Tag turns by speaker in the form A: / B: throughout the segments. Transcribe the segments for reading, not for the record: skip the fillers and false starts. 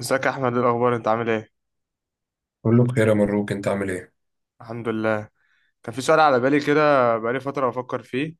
A: ازيك يا احمد، إيه الاخبار؟ انت عامل ايه؟
B: كله بخير يا مبروك، انت عامل ايه؟
A: الحمد لله. كان في سؤال على بالي كده بقالي فتره بفكر فيه.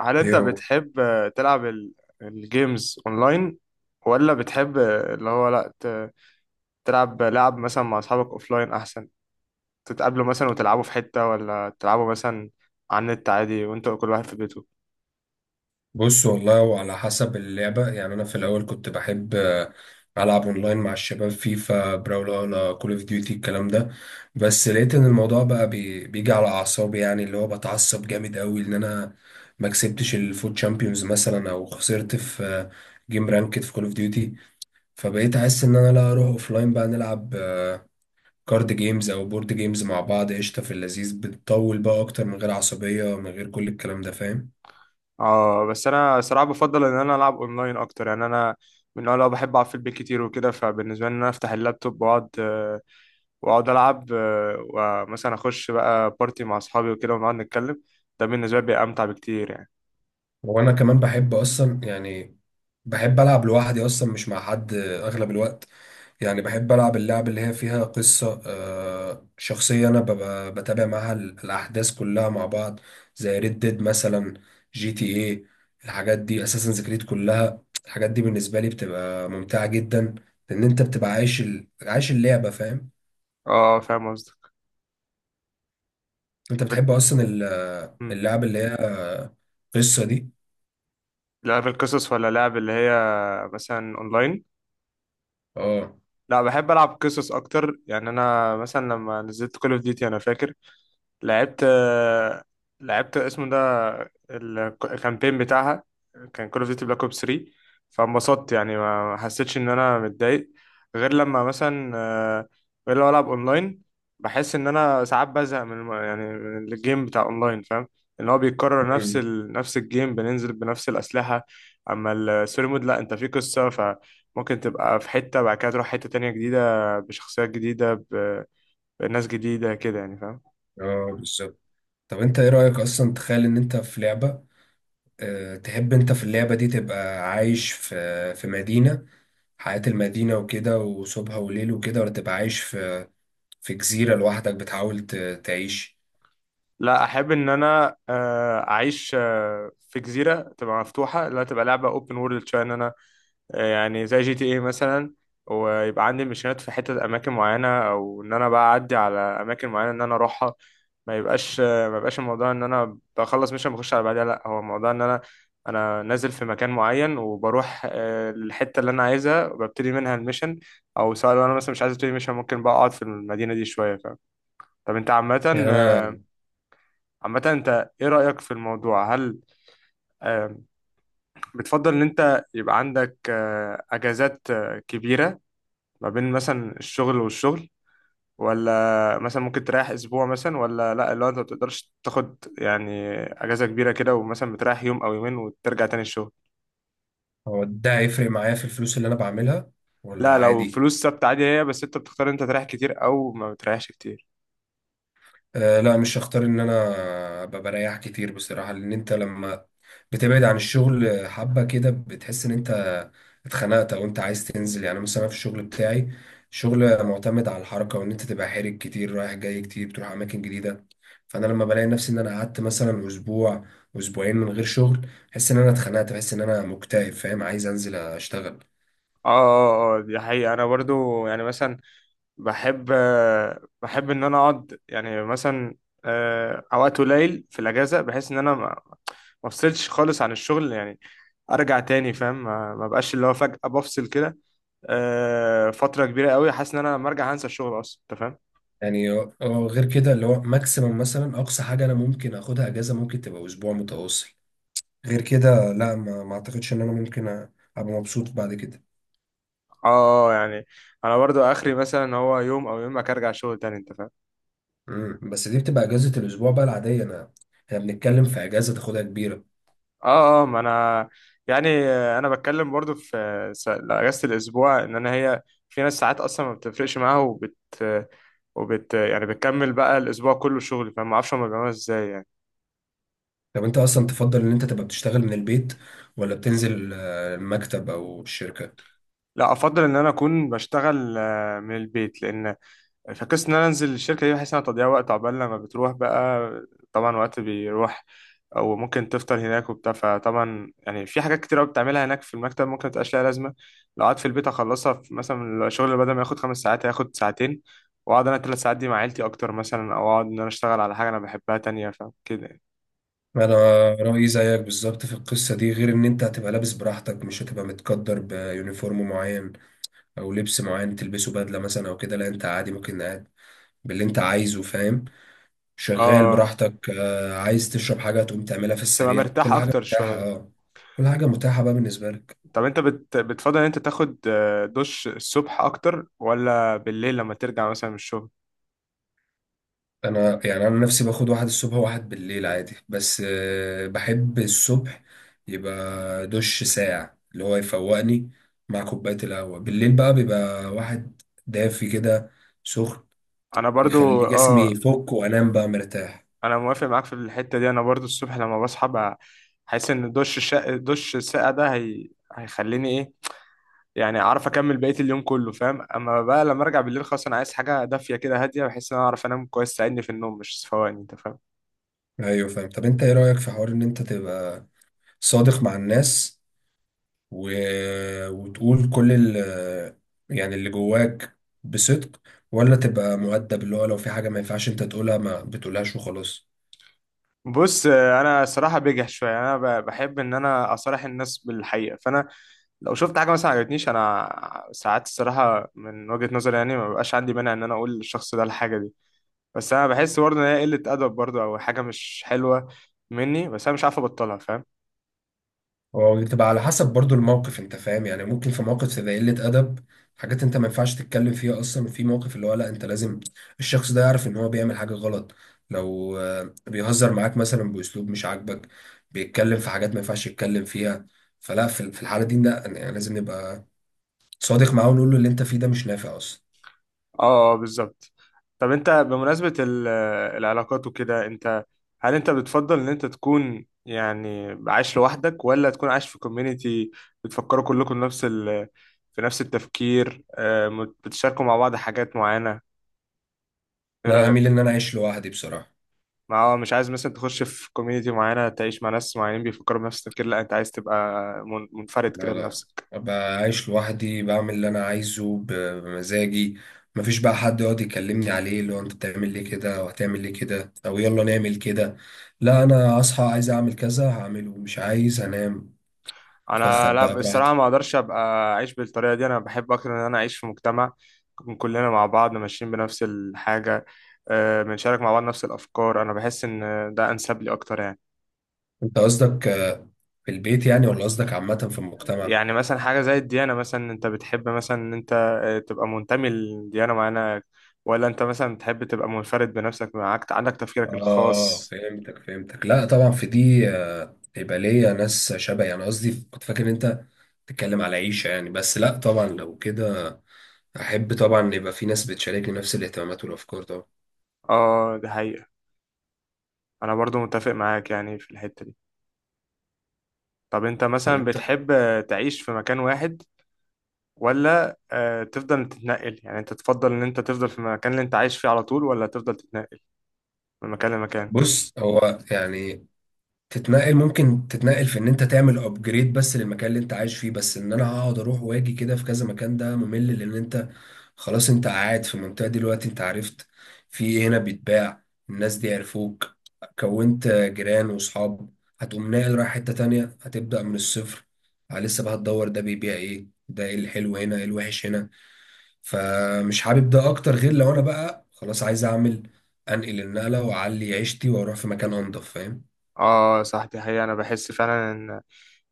A: هل انت
B: ايه هو؟
A: بتحب تلعب الجيمز اونلاين؟ ولا بتحب اللي هو لا تلعب لعب مثلا مع اصحابك اوفلاين احسن؟ تتقابلوا مثلا وتلعبوا في حته، ولا تلعبوا مثلا على النت عادي وانت كل واحد في بيته؟
B: بص والله وعلى حسب اللعبة، يعني انا في الاول كنت بحب العب اونلاين مع الشباب، فيفا، براولا، كول اوف ديوتي، الكلام ده. بس لقيت ان الموضوع بقى بيجي على اعصابي، يعني اللي هو بتعصب جامد قوي ان انا ما كسبتش الفوت شامبيونز مثلا، او خسرت في جيم رانكد في كول اوف ديوتي. فبقيت احس ان انا لا، اروح اوفلاين بقى نلعب كارد جيمز او بورد جيمز مع بعض، قشطة في اللذيذ، بتطول بقى اكتر، من غير عصبية، من غير كل الكلام ده، فاهم.
A: اه، بس انا صراحه بفضل ان انا العب اونلاين اكتر، يعني انا من النوع اللي هو بحب اقعد في البيت كتير وكده. فبالنسبه لي ان انا افتح اللابتوب واقعد العب، ومثلا اخش بقى بارتي مع اصحابي وكده ونقعد نتكلم. ده بالنسبه لي بيبقى امتع بكتير يعني.
B: وانا كمان بحب اصلا، يعني بحب العب لوحدي اصلا، مش مع حد اغلب الوقت. يعني بحب العب اللعب اللي هي فيها قصة شخصية، انا ببقى بتابع معاها الاحداث كلها مع بعض، زي ريد ديد مثلا، جي تي ايه، الحاجات دي، اساسن كريد، كلها الحاجات دي بالنسبة لي بتبقى ممتعة جدا، لان انت بتبقى عايش عايش اللعبة، فاهم.
A: اه، فاهم قصدك.
B: انت
A: طب إنت-
B: بتحب اصلا
A: مم.
B: اللعب اللي هي قصة دي؟
A: لعب القصص ولا لعب اللي هي مثلا اونلاين؟
B: اه.
A: لا، بحب العب قصص اكتر يعني. انا مثلا لما نزلت كول اوف ديوتي انا فاكر لعبت لعبت اسمه ده، الكامبين بتاعها، كان كول اوف ديوتي بلاك اوبس 3. فانبسطت يعني ما حسيتش ان انا متضايق، غير لما مثلا غير لما العب اونلاين. بحس ان انا ساعات بزهق من يعني من الجيم بتاع اونلاين، فاهم؟ ان هو بيتكرر
B: مم.
A: نفس الجيم بننزل بنفس الاسلحه. اما الستوري مود لا، انت في قصه، فممكن تبقى في حته بعد كده تروح حته تانية جديده بشخصيات جديده بناس جديده كده يعني، فاهم؟
B: اه بالظبط. طب انت ايه رأيك اصلا، تخيل ان انت في لعبة، اه تحب انت في اللعبة دي تبقى عايش في في مدينة، حياة المدينة وكده وصبح وليل وكده، ولا تبقى عايش في في جزيرة لوحدك بتحاول تعيش؟
A: لا، احب ان انا اعيش في جزيره تبقى مفتوحه، اللي هي تبقى لعبه اوبن وورلد شويه، ان انا يعني زي جي تي اي مثلا، ويبقى عندي مشينات في حته اماكن معينه، او ان انا بقى اعدي على اماكن معينه ان انا اروحها. ما يبقاش الموضوع ان انا بخلص مش بخش على بعدها، لا هو الموضوع ان انا نازل في مكان معين، وبروح للحته اللي انا عايزها وببتدي منها الميشن. او سواء لو انا مثلا مش عايز ابتدي ميشن، ممكن بقى اقعد في المدينه دي شويه، فاهم؟ طب انت عامه
B: يعني انا،
A: آه، عامة، انت ايه رأيك في الموضوع؟ هل آم، بتفضل ان انت يبقى عندك اجازات كبيرة ما بين مثلا الشغل والشغل، ولا مثلا ممكن تريح اسبوع مثلا، ولا لا، اللي هو انت ما بتقدرش تاخد يعني اجازة كبيرة كده، ومثلا بتريح يوم او يومين وترجع تاني الشغل؟
B: هو ده هيفرق معايا في الفلوس اللي انا بعملها ولا
A: لا، لو
B: عادي؟
A: فلوس ثابتة عادي، هي بس انت بتختار انت تريح كتير او ما بتريحش كتير.
B: آه لا، مش هختار ان انا ابقى بريح كتير بصراحة. لان انت لما بتبعد عن الشغل حبة كده، بتحس ان انت اتخنقت او انت عايز تنزل. يعني مثلا أنا في الشغل بتاعي، شغل معتمد على الحركة وان انت تبقى حرك كتير، رايح جاي كتير، بتروح اماكن جديدة. فانا لما بلاقي نفسي ان انا قعدت مثلا اسبوع اسبوعين من غير شغل، بحس ان انا اتخنقت، بحس ان انا مكتئب، فاهم، عايز انزل اشتغل.
A: اه، اه، اه، دي حقيقة. انا برضو يعني مثلا بحب بحب ان انا اقعد يعني مثلا اوقات قليل في الاجازه، بحيث ان انا ما افصلش خالص عن الشغل يعني. ارجع تاني، فاهم؟ ما بقاش اللي هو فجاه بفصل كده فتره كبيره قوي، حاسس ان انا لما ارجع هنسى الشغل اصلا، انت فاهم.
B: يعني غير كده، اللي هو ماكسيمم مثلا، اقصى حاجة انا ممكن اخدها اجازة ممكن تبقى اسبوع متواصل. غير كده لا، ما اعتقدش ان انا ممكن ابقى مبسوط بعد كده.
A: اه، يعني انا برضو اخري مثلا هو يوم، او يوم ما ارجع شغل تاني، انت فاهم.
B: مم. بس دي بتبقى اجازة الاسبوع بقى العادية. انا، احنا بنتكلم في اجازة تاخدها كبيرة.
A: اه، اه، ما انا يعني انا بتكلم برضو في اجازه الاسبوع ان انا هي، في ناس ساعات اصلا ما بتفرقش معاها، وبت يعني بتكمل بقى الاسبوع كله شغل، فما اعرفش هما بيعملوها ازاي يعني.
B: طب انت اصلا تفضل ان انت تبقى بتشتغل من البيت ولا بتنزل المكتب او الشركة؟
A: لا، افضل ان انا اكون بشتغل من البيت، لان فقصة إن أنا أنزل الشركة دي بحس إنها تضييع وقت. عقبال لما بتروح بقى، طبعا وقت بيروح. أو ممكن تفطر هناك وبتاع. فطبعا يعني في حاجات كتير أوي بتعملها هناك في المكتب ممكن متبقاش ليها لازمة. لو قعدت في البيت أخلصها. في مثلا الشغل اللي بدل ما ياخد 5 ساعات هياخد ساعتين، وأقعد أنا 3 ساعات دي مع عيلتي أكتر مثلا، أو أقعد إن أنا أشتغل على حاجة أنا بحبها تانية، فكده يعني.
B: انا رأيي زيك بالظبط في القصة دي، غير ان انت هتبقى لابس براحتك، مش هتبقى متقدر بيونيفورم معين او لبس معين تلبسه، بدلة مثلا او كده. لا انت عادي ممكن قاعد باللي انت عايزه، فاهم، شغال
A: آه،
B: براحتك. عايز تشرب حاجة تقوم تعملها في
A: تبقى
B: السريع،
A: مرتاح
B: كل حاجة
A: أكتر
B: متاحة،
A: شوية.
B: اه. كل حاجة متاحة بقى بالنسبة لك.
A: طب أنت بتفضل إن أنت تاخد دش الصبح أكتر ولا بالليل لما ترجع مثلا من الشغل؟
B: أنا يعني أنا نفسي باخد واحد الصبح وواحد بالليل عادي، بس بحب الصبح يبقى دش ساقع اللي هو يفوقني. مع كوباية القهوة بالليل بقى بيبقى واحد دافي كده، سخن،
A: انا برضو،
B: يخلي جسمي
A: اه.
B: يفك وأنام بقى مرتاح.
A: انا موافق معاك في الحته دي. انا برضو الصبح لما بصحى بقى، حاسس ان دش الساقع ده هي... هيخليني ايه، يعني اعرف اكمل بقيه اليوم كله، فاهم؟ اما بقى لما ارجع بالليل خلاص، انا عايز حاجه دافيه كده هاديه، بحيث ان انا اعرف انام كويس، تساعدني في النوم مش صفواني، انت فاهم.
B: أيوة فاهم. طب أنت إيه رأيك في حوار إن أنت تبقى صادق مع الناس و... وتقول كل يعني اللي جواك، بصدق، ولا تبقى مؤدب، اللي هو لو في حاجة ما ينفعش انت تقولها ما بتقولهاش وخلاص؟
A: بص، انا صراحه بجح شويه، انا بحب ان انا اصارح الناس بالحقيقه، فانا لو شفت حاجه مثلا عجبتنيش، انا ساعات الصراحه من وجهه نظري يعني ما بقاش عندي مانع ان انا اقول للشخص ده الحاجه دي. بس انا بحس برضه ان هي قله ادب برضه، او حاجه مش حلوه مني، بس انا مش عارف ابطلها، فاهم؟
B: هو بتبقى على حسب برضو الموقف، انت فاهم. يعني ممكن في موقف تبقى قلة أدب، حاجات انت ما ينفعش تتكلم فيها اصلا، وفي موقف اللي هو لا، انت لازم الشخص ده يعرف ان هو بيعمل حاجة غلط. لو بيهزر معاك مثلا بأسلوب مش عاجبك، بيتكلم في حاجات ما ينفعش يتكلم فيها، فلا في الحالة دي لا، يعني لازم نبقى صادق معاه، ونقول له اللي انت فيه ده مش نافع اصلا.
A: اه، اه، بالظبط. طب انت بمناسبه العلاقات وكده، انت، هل انت بتفضل ان انت تكون يعني عايش لوحدك، ولا تكون عايش في كوميونيتي بتفكروا كلكم نفس ال في نفس التفكير، بتشاركوا مع بعض حاجات معينه، ايه
B: لا هميل
A: رايك؟
B: ان انا اعيش لوحدي بصراحة.
A: ما هو مش عايز مثلا تخش في كوميونيتي معينه تعيش مع ناس معينين بيفكروا بنفس التفكير، لا انت عايز تبقى منفرد كده
B: لا لا،
A: بنفسك؟
B: بعيش لوحدي، بعمل اللي انا عايزه بمزاجي، مفيش بقى حد يقعد يكلمني عليه اللي هو انت بتعمل ليه كده، وهتعمل ليه كده، او يلا نعمل كده. لا انا اصحى عايز اعمل كذا هعمله، مش عايز هنام،
A: انا
B: افخد
A: لا،
B: بقى
A: بصراحه
B: براحتي.
A: ما اقدرش ابقى اعيش بالطريقه دي. انا بحب اكتر ان انا اعيش في مجتمع، نكون كلنا مع بعض ماشيين بنفس الحاجه، بنشارك مع بعض نفس الافكار. انا بحس ان ده انسب لي اكتر يعني.
B: انت قصدك في البيت يعني، ولا قصدك عامة في المجتمع؟
A: يعني مثلا حاجه زي الديانه مثلا، انت بتحب مثلا ان انت تبقى منتمي لديانه معينه، ولا انت مثلا بتحب تبقى منفرد بنفسك، معاك عندك تفكيرك
B: اه
A: الخاص؟
B: فهمتك فهمتك، لا طبعا في دي يبقى ليا ناس شبهي. انا قصدي كنت فاكر إن انت تتكلم على عيشة يعني، بس لا طبعا لو كده احب طبعا يبقى في ناس بتشاركني نفس الاهتمامات والافكار طبعا.
A: اه، دي حقيقه. انا برضو متفق معاك يعني في الحته دي. طب انت
B: طب
A: مثلا
B: انت،
A: بتحب تعيش في مكان واحد، ولا تفضل تتنقل؟ يعني انت تفضل ان انت تفضل في المكان اللي انت عايش فيه على طول، ولا تفضل تتنقل من مكان لمكان؟
B: بص هو يعني، تتنقل ممكن تتنقل في ان انت تعمل ابجريد بس للمكان اللي انت عايش فيه، بس ان انا اقعد اروح واجي كده في كذا مكان ده ممل. لان انت خلاص انت قاعد في المنطقة دي دلوقتي، انت عرفت في إيه هنا بيتباع، الناس دي عرفوك، كونت جيران واصحاب، هتقوم ناقل رايح حتة تانية هتبدأ من الصفر، لسه بقى هتدور ده بيبيع ايه، ده ايه الحلو هنا، ايه الوحش هنا. فمش حابب ده اكتر، غير لو انا بقى خلاص عايز اعمل، انقل النقله واعلي عيشتي واروح في مكان انضف، فاهم.
A: اه، صح، دي حقيقة. انا بحس فعلا ان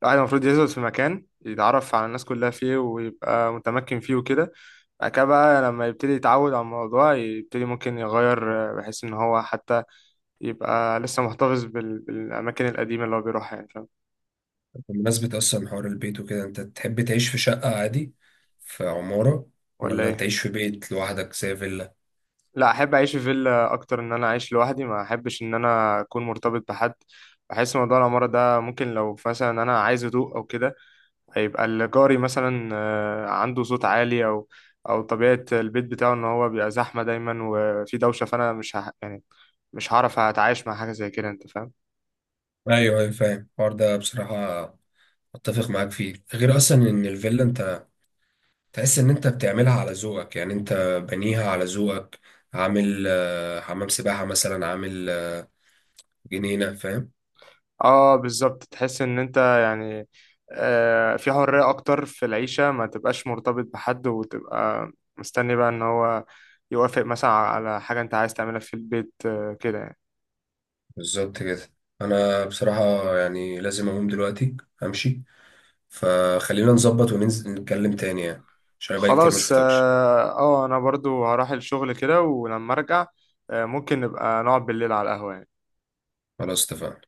A: الواحد المفروض يثبت في مكان، يتعرف على الناس كلها فيه ويبقى متمكن فيه وكده. بعد كده بقى لما يبتدي يتعود على الموضوع يبتدي ممكن يغير بحيث ان هو حتى يبقى لسه محتفظ بالاماكن القديمة اللي هو بيروحها يعني، فاهم.
B: بمناسبه اصلا حوار البيت وكده، انت تحب تعيش في شقه عادي في عماره،
A: ولا
B: ولا
A: ايه؟
B: تعيش في بيت لوحدك زي فيلا؟
A: لا، احب اعيش في فيلا اكتر، ان انا اعيش لوحدي، ما احبش ان انا اكون مرتبط بحد. بحس موضوع العمارة ده ممكن لو مثلا انا عايز هدوء او كده، هيبقى الجاري مثلا عنده صوت عالي، او طبيعة البيت بتاعه ان هو بيبقى زحمة دايما وفي دوشة، فانا مش يعني مش هعرف اتعايش مع حاجة زي كده، انت فاهم.
B: ايوه ايوه فاهم الحوار ده بصراحه، اتفق معاك فيه. غير اصلا ان الفيلا انت تحس ان انت بتعملها على ذوقك، يعني انت بنيها على ذوقك، عامل حمام سباحه مثلا، عامل جنينه، فاهم.
A: اه، بالظبط. تحس ان انت يعني في حرية اكتر في العيشة، ما تبقاش مرتبط بحد وتبقى مستني بقى ان هو يوافق مثلا على حاجة انت عايز تعملها في البيت، كده يعني.
B: بالظبط كده. انا بصراحة يعني لازم اقوم دلوقتي، امشي، فخلينا نظبط وننزل نتكلم تاني يعني، عشان بقى كتير ما
A: خلاص، اه،
B: شفتكش.
A: انا برضو هروح الشغل كده، ولما ارجع ممكن نبقى نقعد بالليل على القهوة يعني.
B: خلاص اتفقنا.